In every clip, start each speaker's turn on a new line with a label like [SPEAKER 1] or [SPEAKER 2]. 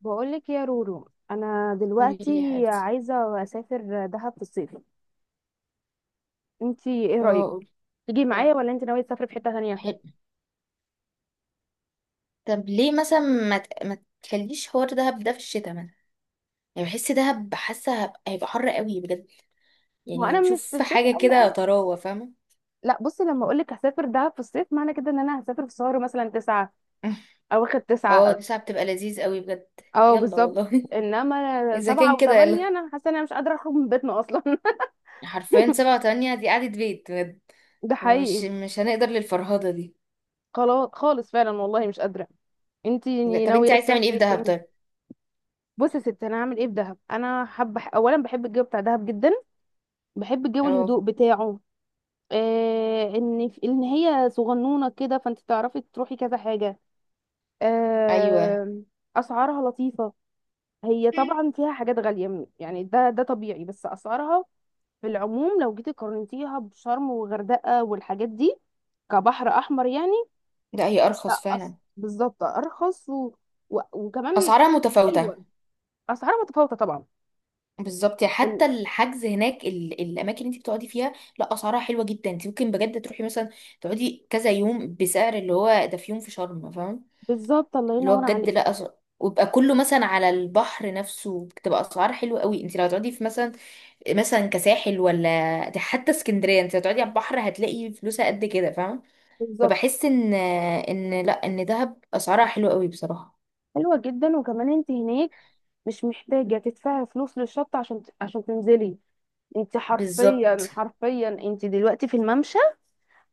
[SPEAKER 1] بقولك يا رورو، انا
[SPEAKER 2] قولي
[SPEAKER 1] دلوقتي
[SPEAKER 2] لي يا حبيبتي.
[SPEAKER 1] عايزه اسافر دهب في الصيف. انتي ايه
[SPEAKER 2] اه،
[SPEAKER 1] رايك،
[SPEAKER 2] قولي.
[SPEAKER 1] تيجي
[SPEAKER 2] طب
[SPEAKER 1] معايا ولا انت ناويه تسافري في حته تانية؟
[SPEAKER 2] حلو. طب ليه مثلا ما تخليش حوار دهب ده في الشتاء مثلا؟ يعني بحس دهب، هيبقى حر قوي بجد.
[SPEAKER 1] هو
[SPEAKER 2] يعني
[SPEAKER 1] انا مش في
[SPEAKER 2] نشوف
[SPEAKER 1] الصيف
[SPEAKER 2] حاجه
[SPEAKER 1] قوي
[SPEAKER 2] كده
[SPEAKER 1] قوي.
[SPEAKER 2] طراوه، فاهمه؟
[SPEAKER 1] لا بصي، لما اقولك هسافر دهب في الصيف معنى كده ان انا هسافر في شهر مثلا تسعة، او اخد
[SPEAKER 2] اه،
[SPEAKER 1] تسعة.
[SPEAKER 2] دي ساعه بتبقى لذيذ قوي بجد.
[SPEAKER 1] اه،
[SPEAKER 2] يلا
[SPEAKER 1] بالظبط.
[SPEAKER 2] والله
[SPEAKER 1] انما
[SPEAKER 2] اذا كان
[SPEAKER 1] سبعة
[SPEAKER 2] كده
[SPEAKER 1] وثمانية،
[SPEAKER 2] يلا،
[SPEAKER 1] انا حاسه ان انا مش قادره اخرج من بيتنا اصلا.
[SPEAKER 2] حرفيا سبعة وتمانية دي قعدة بيت بجد.
[SPEAKER 1] ده
[SPEAKER 2] مش
[SPEAKER 1] حقيقي.
[SPEAKER 2] مش هنقدر للفرهدة دي.
[SPEAKER 1] خلاص خالص فعلا والله، مش قادره.
[SPEAKER 2] بجد.
[SPEAKER 1] انتي
[SPEAKER 2] طب
[SPEAKER 1] ناويه
[SPEAKER 2] انت عايز تعمل ايه في
[SPEAKER 1] تسافري
[SPEAKER 2] دهب
[SPEAKER 1] فين؟
[SPEAKER 2] طيب؟
[SPEAKER 1] بصي يا ستي، انا هعمل ايه في دهب؟ انا حابه اولا بحب الجو بتاع دهب جدا. بحب جو
[SPEAKER 2] اه.
[SPEAKER 1] الهدوء بتاعه. آه، ان هي صغنونه كده، فانت تعرفي تروحي كذا حاجه.
[SPEAKER 2] ايوه.
[SPEAKER 1] آه. اسعارها لطيفه. هي طبعا فيها حاجات غاليه، يعني ده طبيعي، بس اسعارها في العموم لو جيتي قارنتيها بشرم وغردقه والحاجات دي، كبحر احمر يعني.
[SPEAKER 2] لا هي ارخص
[SPEAKER 1] لا،
[SPEAKER 2] فعلا.
[SPEAKER 1] بالظبط ارخص، وكمان
[SPEAKER 2] اسعارها متفاوتة.
[SPEAKER 1] حلوه. اسعارها متفاوتة طبعا.
[SPEAKER 2] بالظبط، يعني
[SPEAKER 1] إن-
[SPEAKER 2] حتى الحجز هناك الاماكن اللي انت بتقعدي فيها. لا اسعارها حلوه جدا، انت ممكن بجد تروحي مثلا تقعدي كذا يوم بسعر اللي هو ده في يوم في شرم، فاهم؟
[SPEAKER 1] بالظبط، الله
[SPEAKER 2] اللي هو
[SPEAKER 1] ينور
[SPEAKER 2] بجد
[SPEAKER 1] عليك.
[SPEAKER 2] لا أس... ويبقى كله مثلا على البحر نفسه، بتبقى اسعار حلوه قوي. انت لو هتقعدي في مثلا مثلا كساحل ولا، ده حتى اسكندريه انت لو هتقعدي على البحر هتلاقي فلوسها قد كده، فاهم؟
[SPEAKER 1] بالظبط.
[SPEAKER 2] فبحس ان ان لا ان دهب اسعارها حلوه قوي بصراحه.
[SPEAKER 1] حلوة جدا، وكمان انت هناك مش محتاجة تدفعي فلوس للشط عشان تنزلي. انت حرفيا
[SPEAKER 2] بالظبط،
[SPEAKER 1] حرفيا، انت دلوقتي في الممشى.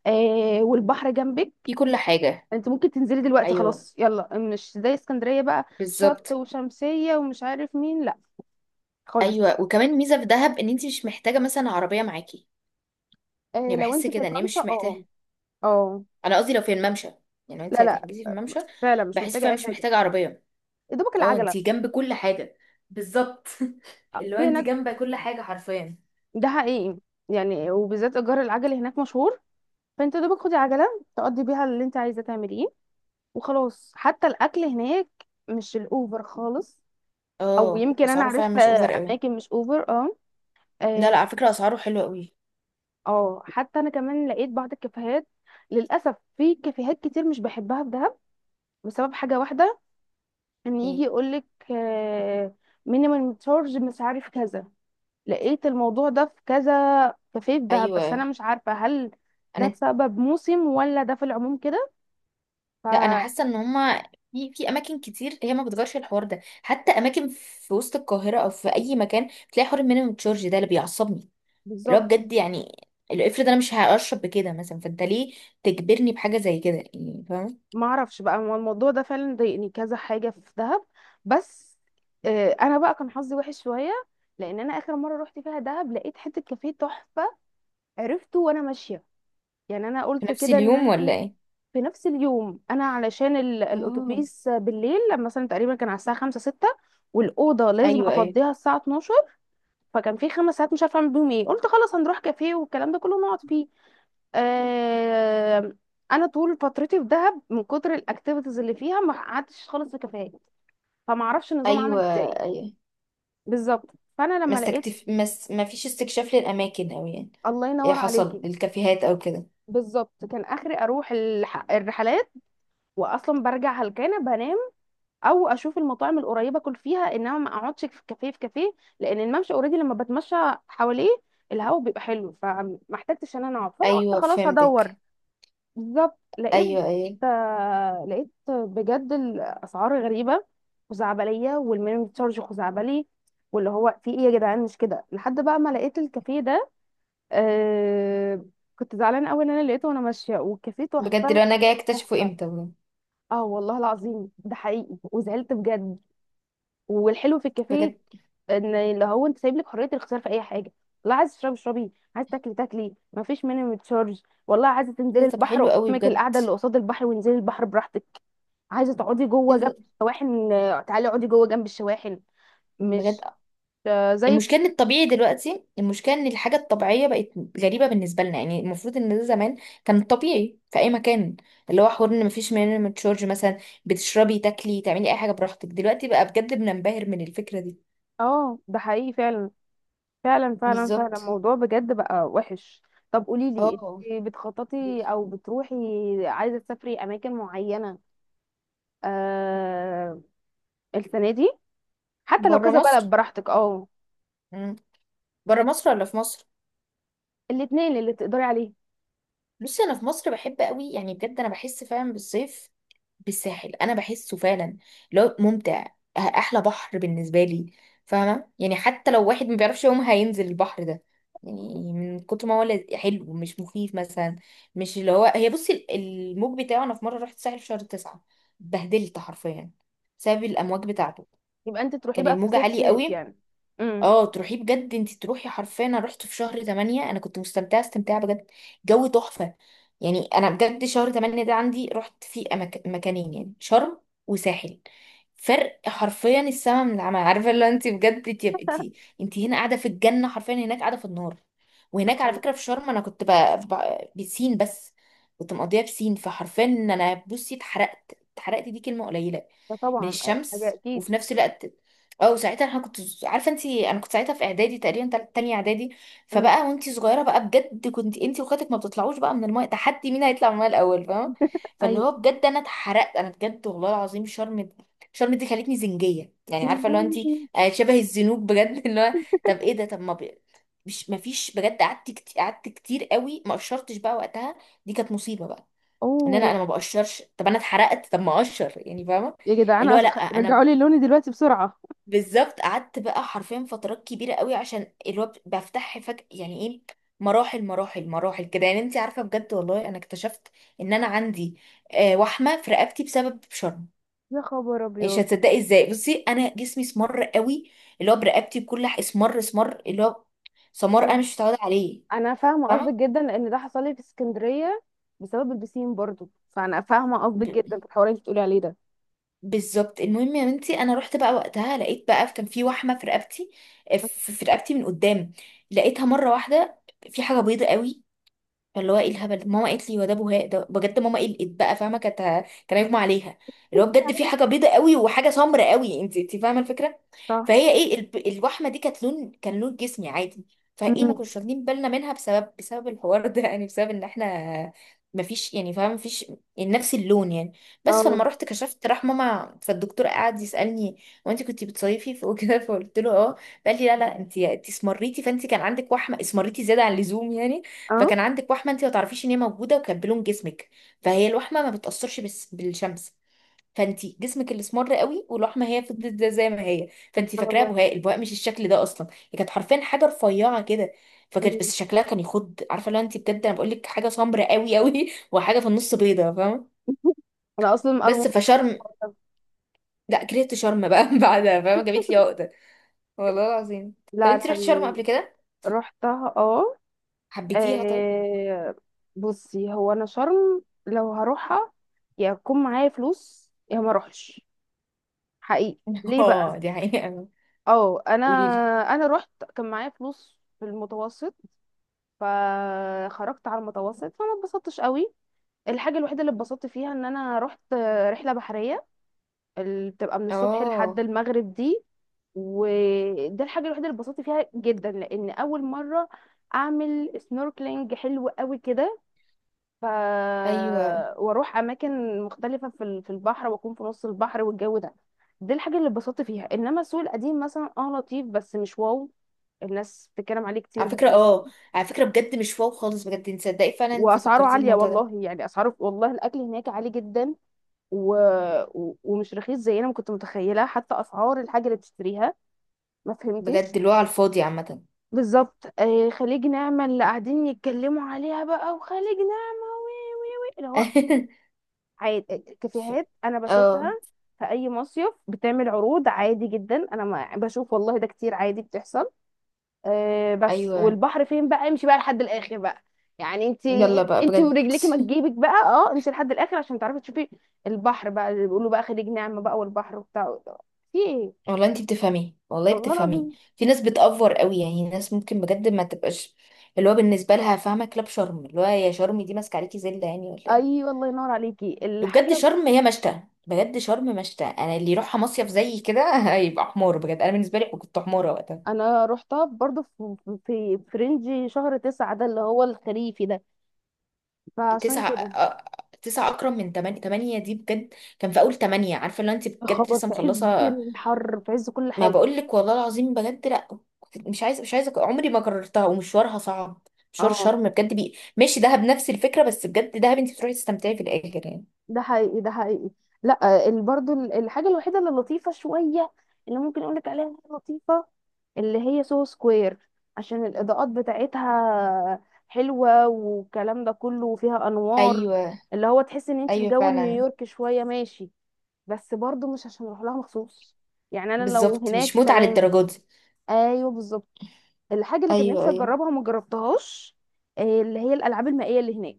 [SPEAKER 1] آه، والبحر جنبك.
[SPEAKER 2] في كل حاجه.
[SPEAKER 1] انت ممكن تنزلي دلوقتي
[SPEAKER 2] ايوه
[SPEAKER 1] خلاص، يلا، مش زي اسكندرية بقى. شط
[SPEAKER 2] بالظبط.
[SPEAKER 1] وشمسية ومش عارف مين، لا. خالص.
[SPEAKER 2] ايوه، وكمان ميزه في دهب ان انت مش محتاجه مثلا عربيه معاكي.
[SPEAKER 1] آه،
[SPEAKER 2] يعني
[SPEAKER 1] لو
[SPEAKER 2] بحس
[SPEAKER 1] انت في
[SPEAKER 2] كده ان هي
[SPEAKER 1] الممشى،
[SPEAKER 2] مش
[SPEAKER 1] اه
[SPEAKER 2] محتاجه.
[SPEAKER 1] اه. اه.
[SPEAKER 2] انا قصدي لو في الممشى، يعني لو انت
[SPEAKER 1] لا، لا.
[SPEAKER 2] هتحجزي في الممشى،
[SPEAKER 1] فعلا مش
[SPEAKER 2] بحس
[SPEAKER 1] محتاجة
[SPEAKER 2] فيها
[SPEAKER 1] اي
[SPEAKER 2] مش
[SPEAKER 1] حاجة.
[SPEAKER 2] محتاجه عربيه.
[SPEAKER 1] يا دوبك
[SPEAKER 2] اه
[SPEAKER 1] العجلة.
[SPEAKER 2] انت جنب كل حاجه. بالظبط.
[SPEAKER 1] آه،
[SPEAKER 2] اللي هو
[SPEAKER 1] في
[SPEAKER 2] انت
[SPEAKER 1] هناك.
[SPEAKER 2] جنب كل حاجه حرفيا.
[SPEAKER 1] ده حقيقي. يعني وبالذات ايجار العجل هناك مشهور. فانت يا دوبك خدي عجلة، تقضي بيها اللي انت عايزة تعمليه، وخلاص. حتى الاكل هناك مش الاوفر خالص. او
[SPEAKER 2] اه
[SPEAKER 1] يمكن انا
[SPEAKER 2] اسعاره
[SPEAKER 1] عرفت
[SPEAKER 2] فعلا مش اوفر قوي.
[SPEAKER 1] اماكن مش اوفر، اه.
[SPEAKER 2] لا لا،
[SPEAKER 1] اه.
[SPEAKER 2] على فكره اسعاره حلوه قوي.
[SPEAKER 1] آه. حتى انا كمان لقيت بعض الكافيهات. للاسف في كافيهات كتير مش بحبها في دهب، بسبب حاجه واحده. ان يجي
[SPEAKER 2] ايه؟
[SPEAKER 1] يقولك مينيمم تشارج مش عارف كذا. لقيت الموضوع ده في كذا كافيه في دهب، بس انا
[SPEAKER 2] ايوه.
[SPEAKER 1] مش عارفه هل ده
[SPEAKER 2] انا،
[SPEAKER 1] بسبب موسم ولا ده في العموم كده؟
[SPEAKER 2] لا انا
[SPEAKER 1] فبالظبط.
[SPEAKER 2] حاسه ان هما في اماكن كتير هي ما بتغيرش الحوار ده. حتى اماكن في وسط القاهره او في اي مكان بتلاقي حوار المينيمم تشارج ده، اللي بيعصبني، اللي هو بجد، يعني اللي افرض انا مش هشرب بكده مثلا، فانت ليه تجبرني بحاجه زي كده يعني، فاهم؟
[SPEAKER 1] ما اعرفش بقى، هو الموضوع ده فعلا ضايقني كذا حاجه في دهب. بس. آه، انا بقى كان حظي وحش شويه. لان انا اخر مره رحت فيها دهب لقيت حته كافيه تحفه. عرفته وانا ماشيه. يعني انا
[SPEAKER 2] في
[SPEAKER 1] قلت
[SPEAKER 2] نفس
[SPEAKER 1] كده ان
[SPEAKER 2] اليوم
[SPEAKER 1] انا
[SPEAKER 2] ولا
[SPEAKER 1] ايه،
[SPEAKER 2] ايه؟
[SPEAKER 1] في نفس اليوم، انا علشان
[SPEAKER 2] اه.
[SPEAKER 1] الاتوبيس بالليل لما مثلا تقريبا كان على الساعه 5 6، والاوضه لازم
[SPEAKER 2] ايوه ايوه
[SPEAKER 1] افضيها الساعه 12. فكان في 5 ساعات مش عارفه اعمل بيهم ايه، قلت خلاص هنروح كافيه والكلام ده كله نقعد فيه. آه، انا طول فترتي في دهب من كتر الاكتيفيتيز اللي فيها ما قعدتش خالص في كافيهات. فما اعرفش النظام
[SPEAKER 2] ايوه.
[SPEAKER 1] عمل ازاي.
[SPEAKER 2] ايوه
[SPEAKER 1] بالظبط. فانا
[SPEAKER 2] ما
[SPEAKER 1] لما لقيت
[SPEAKER 2] استكتف ما, س... ما فيش استكشاف للاماكن او يعني
[SPEAKER 1] الله
[SPEAKER 2] ايه
[SPEAKER 1] ينور
[SPEAKER 2] حصل
[SPEAKER 1] عليكي.
[SPEAKER 2] للكافيهات او كده.
[SPEAKER 1] بالظبط، كان اخري اروح الرحلات، واصلا برجع هلكانه بنام، او اشوف المطاعم القريبه اكل فيها، انما ما اقعدش في كافيه. لان الممشى اوريدي لما بتمشى حواليه الهواء بيبقى حلو، فما احتجتش ان انا اقعد، فانا قلت
[SPEAKER 2] ايوه
[SPEAKER 1] خلاص هدور.
[SPEAKER 2] فهمتك.
[SPEAKER 1] بالظبط، لقيت.
[SPEAKER 2] ايوه ايوه.
[SPEAKER 1] لقيت بجد الاسعار غريبه، خزعبليه، والمينيمم تشارج خزعبلي. واللي هو في ايه يا جدعان؟ مش كده لحد بقى ما لقيت الكافيه ده. آه. كنت زعلانه قوي ان انا لقيته وانا ماشيه والكافيه
[SPEAKER 2] بجد
[SPEAKER 1] تحفه.
[SPEAKER 2] لو انا جايه اكتشفه
[SPEAKER 1] تحفه.
[SPEAKER 2] امتى بجد.
[SPEAKER 1] اه، والله العظيم ده حقيقي، وزعلت بجد. والحلو في الكافيه
[SPEAKER 2] بجد.
[SPEAKER 1] ان اللي هو انت سايب لك حريه الاختيار في اي حاجه. والله عايز تشربي اشربي، عايز تاكلي تاكلي، ما فيش مينيمم تشارج. والله عايزه
[SPEAKER 2] إيه
[SPEAKER 1] تنزلي
[SPEAKER 2] ده؟ طب
[SPEAKER 1] البحر،
[SPEAKER 2] حلو قوي
[SPEAKER 1] قدامك
[SPEAKER 2] بجد.
[SPEAKER 1] القعده اللي قصاد البحر وانزلي البحر براحتك. عايزه تقعدي جوه
[SPEAKER 2] إيه
[SPEAKER 1] جنب
[SPEAKER 2] ده؟
[SPEAKER 1] الشواحن، تعالي اقعدي جوه جنب الشواحن.
[SPEAKER 2] بجد.
[SPEAKER 1] مش. آه، زي.
[SPEAKER 2] المشكلة ان الطبيعي دلوقتي، المشكلة ان الحاجة الطبيعية بقت غريبة بالنسبة لنا. يعني المفروض ان ده زمان كان طبيعي في اي مكان، اللي هو حوار ان مفيش مينيمم تشارج مثلا. بتشربي تاكلي تعملي اي حاجة براحتك. دلوقتي بقى بجد بننبهر من الفكرة دي.
[SPEAKER 1] اه، ده حقيقي. فعلا، فعلا، فعلا، فعلا،
[SPEAKER 2] بالظبط.
[SPEAKER 1] الموضوع بجد بقى وحش. طب قولي لي،
[SPEAKER 2] اه،
[SPEAKER 1] انت بتخططي او بتروحي عايزه تسافري اماكن معينه، آه، السنه دي؟ حتى لو
[SPEAKER 2] بره
[SPEAKER 1] كذا
[SPEAKER 2] مصر.
[SPEAKER 1] بلد براحتك، اه.
[SPEAKER 2] مم. بره مصر ولا في مصر.
[SPEAKER 1] الاثنين اللي تقدري عليه.
[SPEAKER 2] بصي انا في مصر بحب قوي، يعني بجد انا بحس فعلا بالصيف بالساحل، انا بحسه فعلا لو ممتع. احلى بحر بالنسبه لي، فاهمه؟ يعني حتى لو واحد ما بيعرفش يوم هينزل البحر ده، يعني من كتر ما هو حلو، مش مخيف مثلا. مش اللي هو هي، بصي الموج بتاعه، انا في مره رحت الساحل في شهر تسعة، بهدلت حرفيا بسبب الامواج بتاعته.
[SPEAKER 1] يبقى انت تروحي
[SPEAKER 2] كان
[SPEAKER 1] بقى في
[SPEAKER 2] الموج
[SPEAKER 1] صيف
[SPEAKER 2] عالي
[SPEAKER 1] صيف
[SPEAKER 2] قوي.
[SPEAKER 1] يعني. امم.
[SPEAKER 2] اه تروحي بجد، انت تروحي حرفيا، انا رحت في شهر 8، انا كنت مستمتعه استمتاع بجد. جو تحفه. يعني انا بجد شهر 8 ده عندي رحت فيه مكانين، يعني شرم وساحل. فرق حرفيا السما من العمى عارفه اللي هو انت بجد، انت انت هنا قاعده في الجنه، حرفيا هناك قاعده في النار. وهناك على
[SPEAKER 1] آه،
[SPEAKER 2] فكره في شرم انا كنت بسين بس، كنت مقضيها بسين، فحرفيا ان انا بصي اتحرقت. اتحرقت دي كلمه قليله
[SPEAKER 1] ده
[SPEAKER 2] من
[SPEAKER 1] طبعا. حاجه
[SPEAKER 2] الشمس.
[SPEAKER 1] اكيد.
[SPEAKER 2] وفي نفس الوقت اه، وساعتها انا كنت عارفه انت، انا كنت ساعتها في اعدادي تقريبا تانية اعدادي.
[SPEAKER 1] امم.
[SPEAKER 2] فبقى وانت صغيره بقى بجد، كنت انت واخواتك ما بتطلعوش بقى من المايه، تحدي مين هيطلع من المايه الاول، فاهمه؟ فاللي
[SPEAKER 1] ايوه.
[SPEAKER 2] هو بجد انا اتحرقت انا بجد والله العظيم. شرم، شرم دي خلتني زنجيه يعني، عارفه اللي هو انت،
[SPEAKER 1] يعني-
[SPEAKER 2] آه، شبه الزنوج بجد اللي هو، طب ايه ده، طب ما ب... مش ما فيش، بجد قعدت كتير قعدت كتير قوي، ما قشرتش بقى وقتها. دي كانت مصيبه بقى، ان انا
[SPEAKER 1] اوه.
[SPEAKER 2] انا ما بقشرش. طب انا اتحرقت، طب ما اقشر يعني، فاهمه؟
[SPEAKER 1] يا
[SPEAKER 2] اللي هو
[SPEAKER 1] جدعان،
[SPEAKER 2] لا،
[SPEAKER 1] رجعوا
[SPEAKER 2] انا
[SPEAKER 1] لي لوني دلوقتي بسرعه.
[SPEAKER 2] بالظبط قعدت بقى حرفيا فترات كبيره قوي عشان اللي هو بفتح فجأة، يعني ايه، مراحل مراحل مراحل كده، يعني انت عارفه بجد والله. انا اكتشفت ان انا عندي آه وحمه في رقبتي بسبب شرم.
[SPEAKER 1] يا خبر
[SPEAKER 2] مش
[SPEAKER 1] ابيض.
[SPEAKER 2] هتصدقي ازاي. بصي انا جسمي اسمر قوي، اللي هو برقبتي اسمر اسمر، اللي هو سمار انا
[SPEAKER 1] انا
[SPEAKER 2] مش متعوده عليه،
[SPEAKER 1] انا فاهمه قصدك
[SPEAKER 2] فاهمه؟
[SPEAKER 1] جدا لان ده حصل لي في اسكندريه، بسبب البسين برضو. فانا فاهمه قصدك
[SPEAKER 2] ب-
[SPEAKER 1] جدا في الحوار اللي انت بتقولي عليه ده.
[SPEAKER 2] بالظبط، المهم يا بنتي انا رحت بقى وقتها، لقيت بقى كان في وحمه في رقبتي، آه، في رقبتي من قدام، لقيتها مره واحده في حاجه بيضه قوي. فاللي هو ايه الهبل ده؟ ماما قالت لي هو ده بهاق. ده بجد ماما قلقت بقى، فاهمه، كانت كان هيغمى عليها. اللي هو بجد في حاجه بيضه قوي وحاجه سمرة قوي، انت فاهمه الفكره.
[SPEAKER 1] صح.
[SPEAKER 2] فهي ايه الوحمه دي كانت لون، كان لون جسمي عادي. فايه ما
[SPEAKER 1] امم.
[SPEAKER 2] كناش واخدين بالنا منها بسبب الحوار ده يعني بسبب ان احنا ما فيش، يعني فاهمه ما فيش يعني نفس اللون يعني. بس فلما
[SPEAKER 1] اه،
[SPEAKER 2] رحت كشفت راح ماما فالدكتور قعد يسالني هو انت كنت بتصيفي وكده فقلت له اه. قال لي لا لا، انت اسمريتي، فانت كان عندك وحمه، اسمريتي زياده عن اللزوم يعني،
[SPEAKER 1] اه.
[SPEAKER 2] فكان عندك وحمه انت ما تعرفيش ان هي موجوده وكانت بلون جسمك. فهي الوحمه ما بتاثرش بس بالشمس، فانت جسمك اللي اسمر قوي والوحمه هي فضلت زي ما هي، فانت
[SPEAKER 1] سبحان
[SPEAKER 2] فاكراها
[SPEAKER 1] الله.
[SPEAKER 2] بهاء، البهاء مش الشكل ده اصلا. هي كانت حرفيا حاجه رفيعه كده،
[SPEAKER 1] مم.
[SPEAKER 2] فكانت بس شكلها كان يخض، عارفه لو انت بجد انا بقول لك حاجه سمراء قوي قوي وحاجه في النص بيضه، فاهمه؟
[SPEAKER 1] انا اصلا
[SPEAKER 2] بس فشرم، لا كرهت شرم بقى بعدها، فاهمه، جابت لي عقده والله العظيم. طب
[SPEAKER 1] لا،
[SPEAKER 2] انت رحت شرم
[SPEAKER 1] انا
[SPEAKER 2] قبل كده؟
[SPEAKER 1] رحتها اه.
[SPEAKER 2] حبيتيها طيب؟
[SPEAKER 1] آه. بصي، هو انا شرم لو هروحها، يا يكون معايا فلوس يا ما اروحش. حقيقي. ليه بقى؟
[SPEAKER 2] اه دي حقيقه.
[SPEAKER 1] اه، انا
[SPEAKER 2] قولي لي.
[SPEAKER 1] انا رحت، كان معايا فلوس في المتوسط، فخرجت على المتوسط، فما اتبسطتش قوي. الحاجه الوحيده اللي اتبسطت فيها ان انا رحت رحله بحريه، اللي بتبقى من الصبح لحد
[SPEAKER 2] اه.
[SPEAKER 1] المغرب دي، وده الحاجه الوحيده اللي اتبسطت فيها جدا، لان اول مره اعمل سنوركلينج حلو قوي كده. ف
[SPEAKER 2] ايوه
[SPEAKER 1] واروح اماكن مختلفه في البحر، واكون في نص البحر والجو ده، دي الحاجه اللي اتبسطت فيها. انما السوق القديم مثلا اه لطيف بس مش واو. الناس بتتكلم عليه كتير،
[SPEAKER 2] على
[SPEAKER 1] بس
[SPEAKER 2] فكرة.
[SPEAKER 1] مش.
[SPEAKER 2] اه على فكرة بجد مش واو خالص بجد، انت صدقي فعلا انت
[SPEAKER 1] واسعاره
[SPEAKER 2] فكرتي
[SPEAKER 1] عاليه،
[SPEAKER 2] الموضوع ده.
[SPEAKER 1] والله يعني اسعاره، والله الاكل هناك عالي جدا، و... ومش رخيص زي انا ما كنت متخيله. حتى اسعار الحاجه اللي بتشتريها ما فهمتش.
[SPEAKER 2] بجد اللي هو على الفاضي عامة
[SPEAKER 1] بالظبط، آه، خليج نعمة اللي قاعدين يتكلموا عليها بقى، وخليج نعمة اللي هو عادي، كافيهات انا بشوفها
[SPEAKER 2] اه.
[SPEAKER 1] في اي مصيف بتعمل عروض عادي جدا، انا ما بشوف والله ده كتير، عادي بتحصل. أه بس،
[SPEAKER 2] ايوه
[SPEAKER 1] والبحر فين بقى؟ امشي بقى لحد الاخر بقى. يعني انت
[SPEAKER 2] يلا بقى
[SPEAKER 1] انت
[SPEAKER 2] بجد.
[SPEAKER 1] ورجلك ما تجيبك بقى، اه امشي لحد الاخر عشان تعرفي تشوفي البحر بقى اللي بيقولوا بقى خليج نعمة بقى والبحر وبتاع في ايه.
[SPEAKER 2] والله انت بتفهمي والله
[SPEAKER 1] والله
[SPEAKER 2] بتفهمي.
[SPEAKER 1] العظيم.
[SPEAKER 2] في ناس بتأفور قوي، يعني ناس ممكن بجد ما تبقاش، اللي هو بالنسبة لها فاهمة كلاب شرم، اللي هو يا شرم دي ماسكة عليكي زلة يعني ولا ايه؟
[SPEAKER 1] ايوه، الله ينور عليكي
[SPEAKER 2] وبجد
[SPEAKER 1] الحاجه.
[SPEAKER 2] شرم هي مشتى، بجد شرم مشتى، انا اللي يروحها مصيف زي كده هيبقى حمار، بجد انا بالنسبة لي كنت حمارة وقتها.
[SPEAKER 1] انا رحتها برضو في رينج شهر تسعة ده اللي هو الخريفي ده، فعشان
[SPEAKER 2] تسعة
[SPEAKER 1] كده.
[SPEAKER 2] آه، تسعة أكرم من تمانية. تمانية دي بجد كان في أول تمانية، عارفة اللي هو أنت بجد
[SPEAKER 1] خبر
[SPEAKER 2] لسه
[SPEAKER 1] في عز
[SPEAKER 2] مخلصة.
[SPEAKER 1] الحر، في عز كل
[SPEAKER 2] ما
[SPEAKER 1] حاجة.
[SPEAKER 2] بقولك والله العظيم بجد لأ، مش عايزة مش عايزة، عمري ما كررتها ومشوارها صعب، مشوار
[SPEAKER 1] اه،
[SPEAKER 2] شرم بجد. بي ماشي دهب نفس الفكرة، بس بجد دهب أنت بتروحي تستمتعي في الآخر يعني.
[SPEAKER 1] ده حقيقي، ده حقيقي. لا برضو الحاجة الوحيدة اللي لطيفة شوية، اللي ممكن اقولك عليها إنها لطيفة، اللي هي سو سكوير، عشان الإضاءات بتاعتها حلوة والكلام ده كله، وفيها أنوار،
[SPEAKER 2] ايوه.
[SPEAKER 1] اللي هو تحس ان انت في
[SPEAKER 2] ايوه
[SPEAKER 1] جو
[SPEAKER 2] فعلا.
[SPEAKER 1] نيويورك شوية ماشي. بس برضو مش عشان اروح لها مخصوص، يعني انا لو
[SPEAKER 2] بالظبط مش
[SPEAKER 1] هناك
[SPEAKER 2] متعة
[SPEAKER 1] تمام.
[SPEAKER 2] للدرجة دي.
[SPEAKER 1] ايوه، بالظبط. الحاجة اللي كان
[SPEAKER 2] ايوه
[SPEAKER 1] نفسي
[SPEAKER 2] ايوه.
[SPEAKER 1] اجربها وما جربتهاش، اللي هي الألعاب المائية اللي هناك.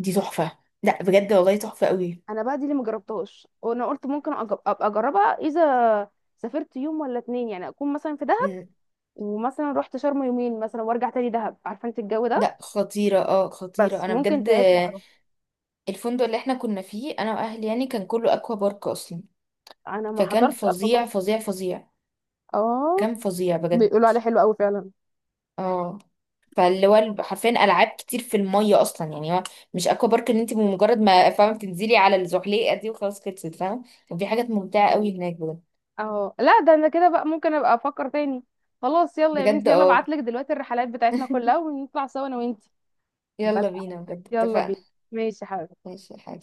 [SPEAKER 2] دي تحفة لأ بجد والله تحفة قوي.
[SPEAKER 1] انا بقى دي اللي مجربتهاش، وانا قلت ممكن ابقى اجربها، اذا سافرت يوم ولا اتنين، يعني اكون مثلا في دهب،
[SPEAKER 2] مم.
[SPEAKER 1] ومثلا رحت شرم يومين مثلا وارجع تاني دهب، عارفه انت الجو ده.
[SPEAKER 2] لأ خطيرة اه خطيرة
[SPEAKER 1] بس
[SPEAKER 2] أنا
[SPEAKER 1] ممكن
[SPEAKER 2] بجد.
[SPEAKER 1] ساعتها اروح.
[SPEAKER 2] الفندق اللي احنا كنا فيه انا واهلي يعني كان كله اكوا بارك اصلا،
[SPEAKER 1] انا ما
[SPEAKER 2] فكان
[SPEAKER 1] حضرتش
[SPEAKER 2] فظيع
[SPEAKER 1] اصلا.
[SPEAKER 2] فظيع فظيع.
[SPEAKER 1] اه،
[SPEAKER 2] كان فظيع بجد.
[SPEAKER 1] بيقولوا عليه حلو قوي فعلا.
[SPEAKER 2] اه فاللي هو حرفيا العاب كتير في الميه اصلا، يعني هو مش اكوا بارك ان انت بمجرد ما، فاهمه، بتنزلي على الزحليقه دي وخلاص خلصت، فاهمه؟ كان في حاجات ممتعه قوي هناك بجد.
[SPEAKER 1] اه، لا ده انا كده بقى ممكن ابقى افكر تاني. خلاص يلا يا
[SPEAKER 2] بجد
[SPEAKER 1] بنتي، يلا
[SPEAKER 2] اه.
[SPEAKER 1] ابعتلك دلوقتي الرحلات بتاعتنا كلها ونطلع سوا انا وانتي. بس
[SPEAKER 2] يلا بينا بجد
[SPEAKER 1] يلا
[SPEAKER 2] اتفقنا.
[SPEAKER 1] بينا. ماشي يا حبيبي.
[SPEAKER 2] ماشي يا حاج.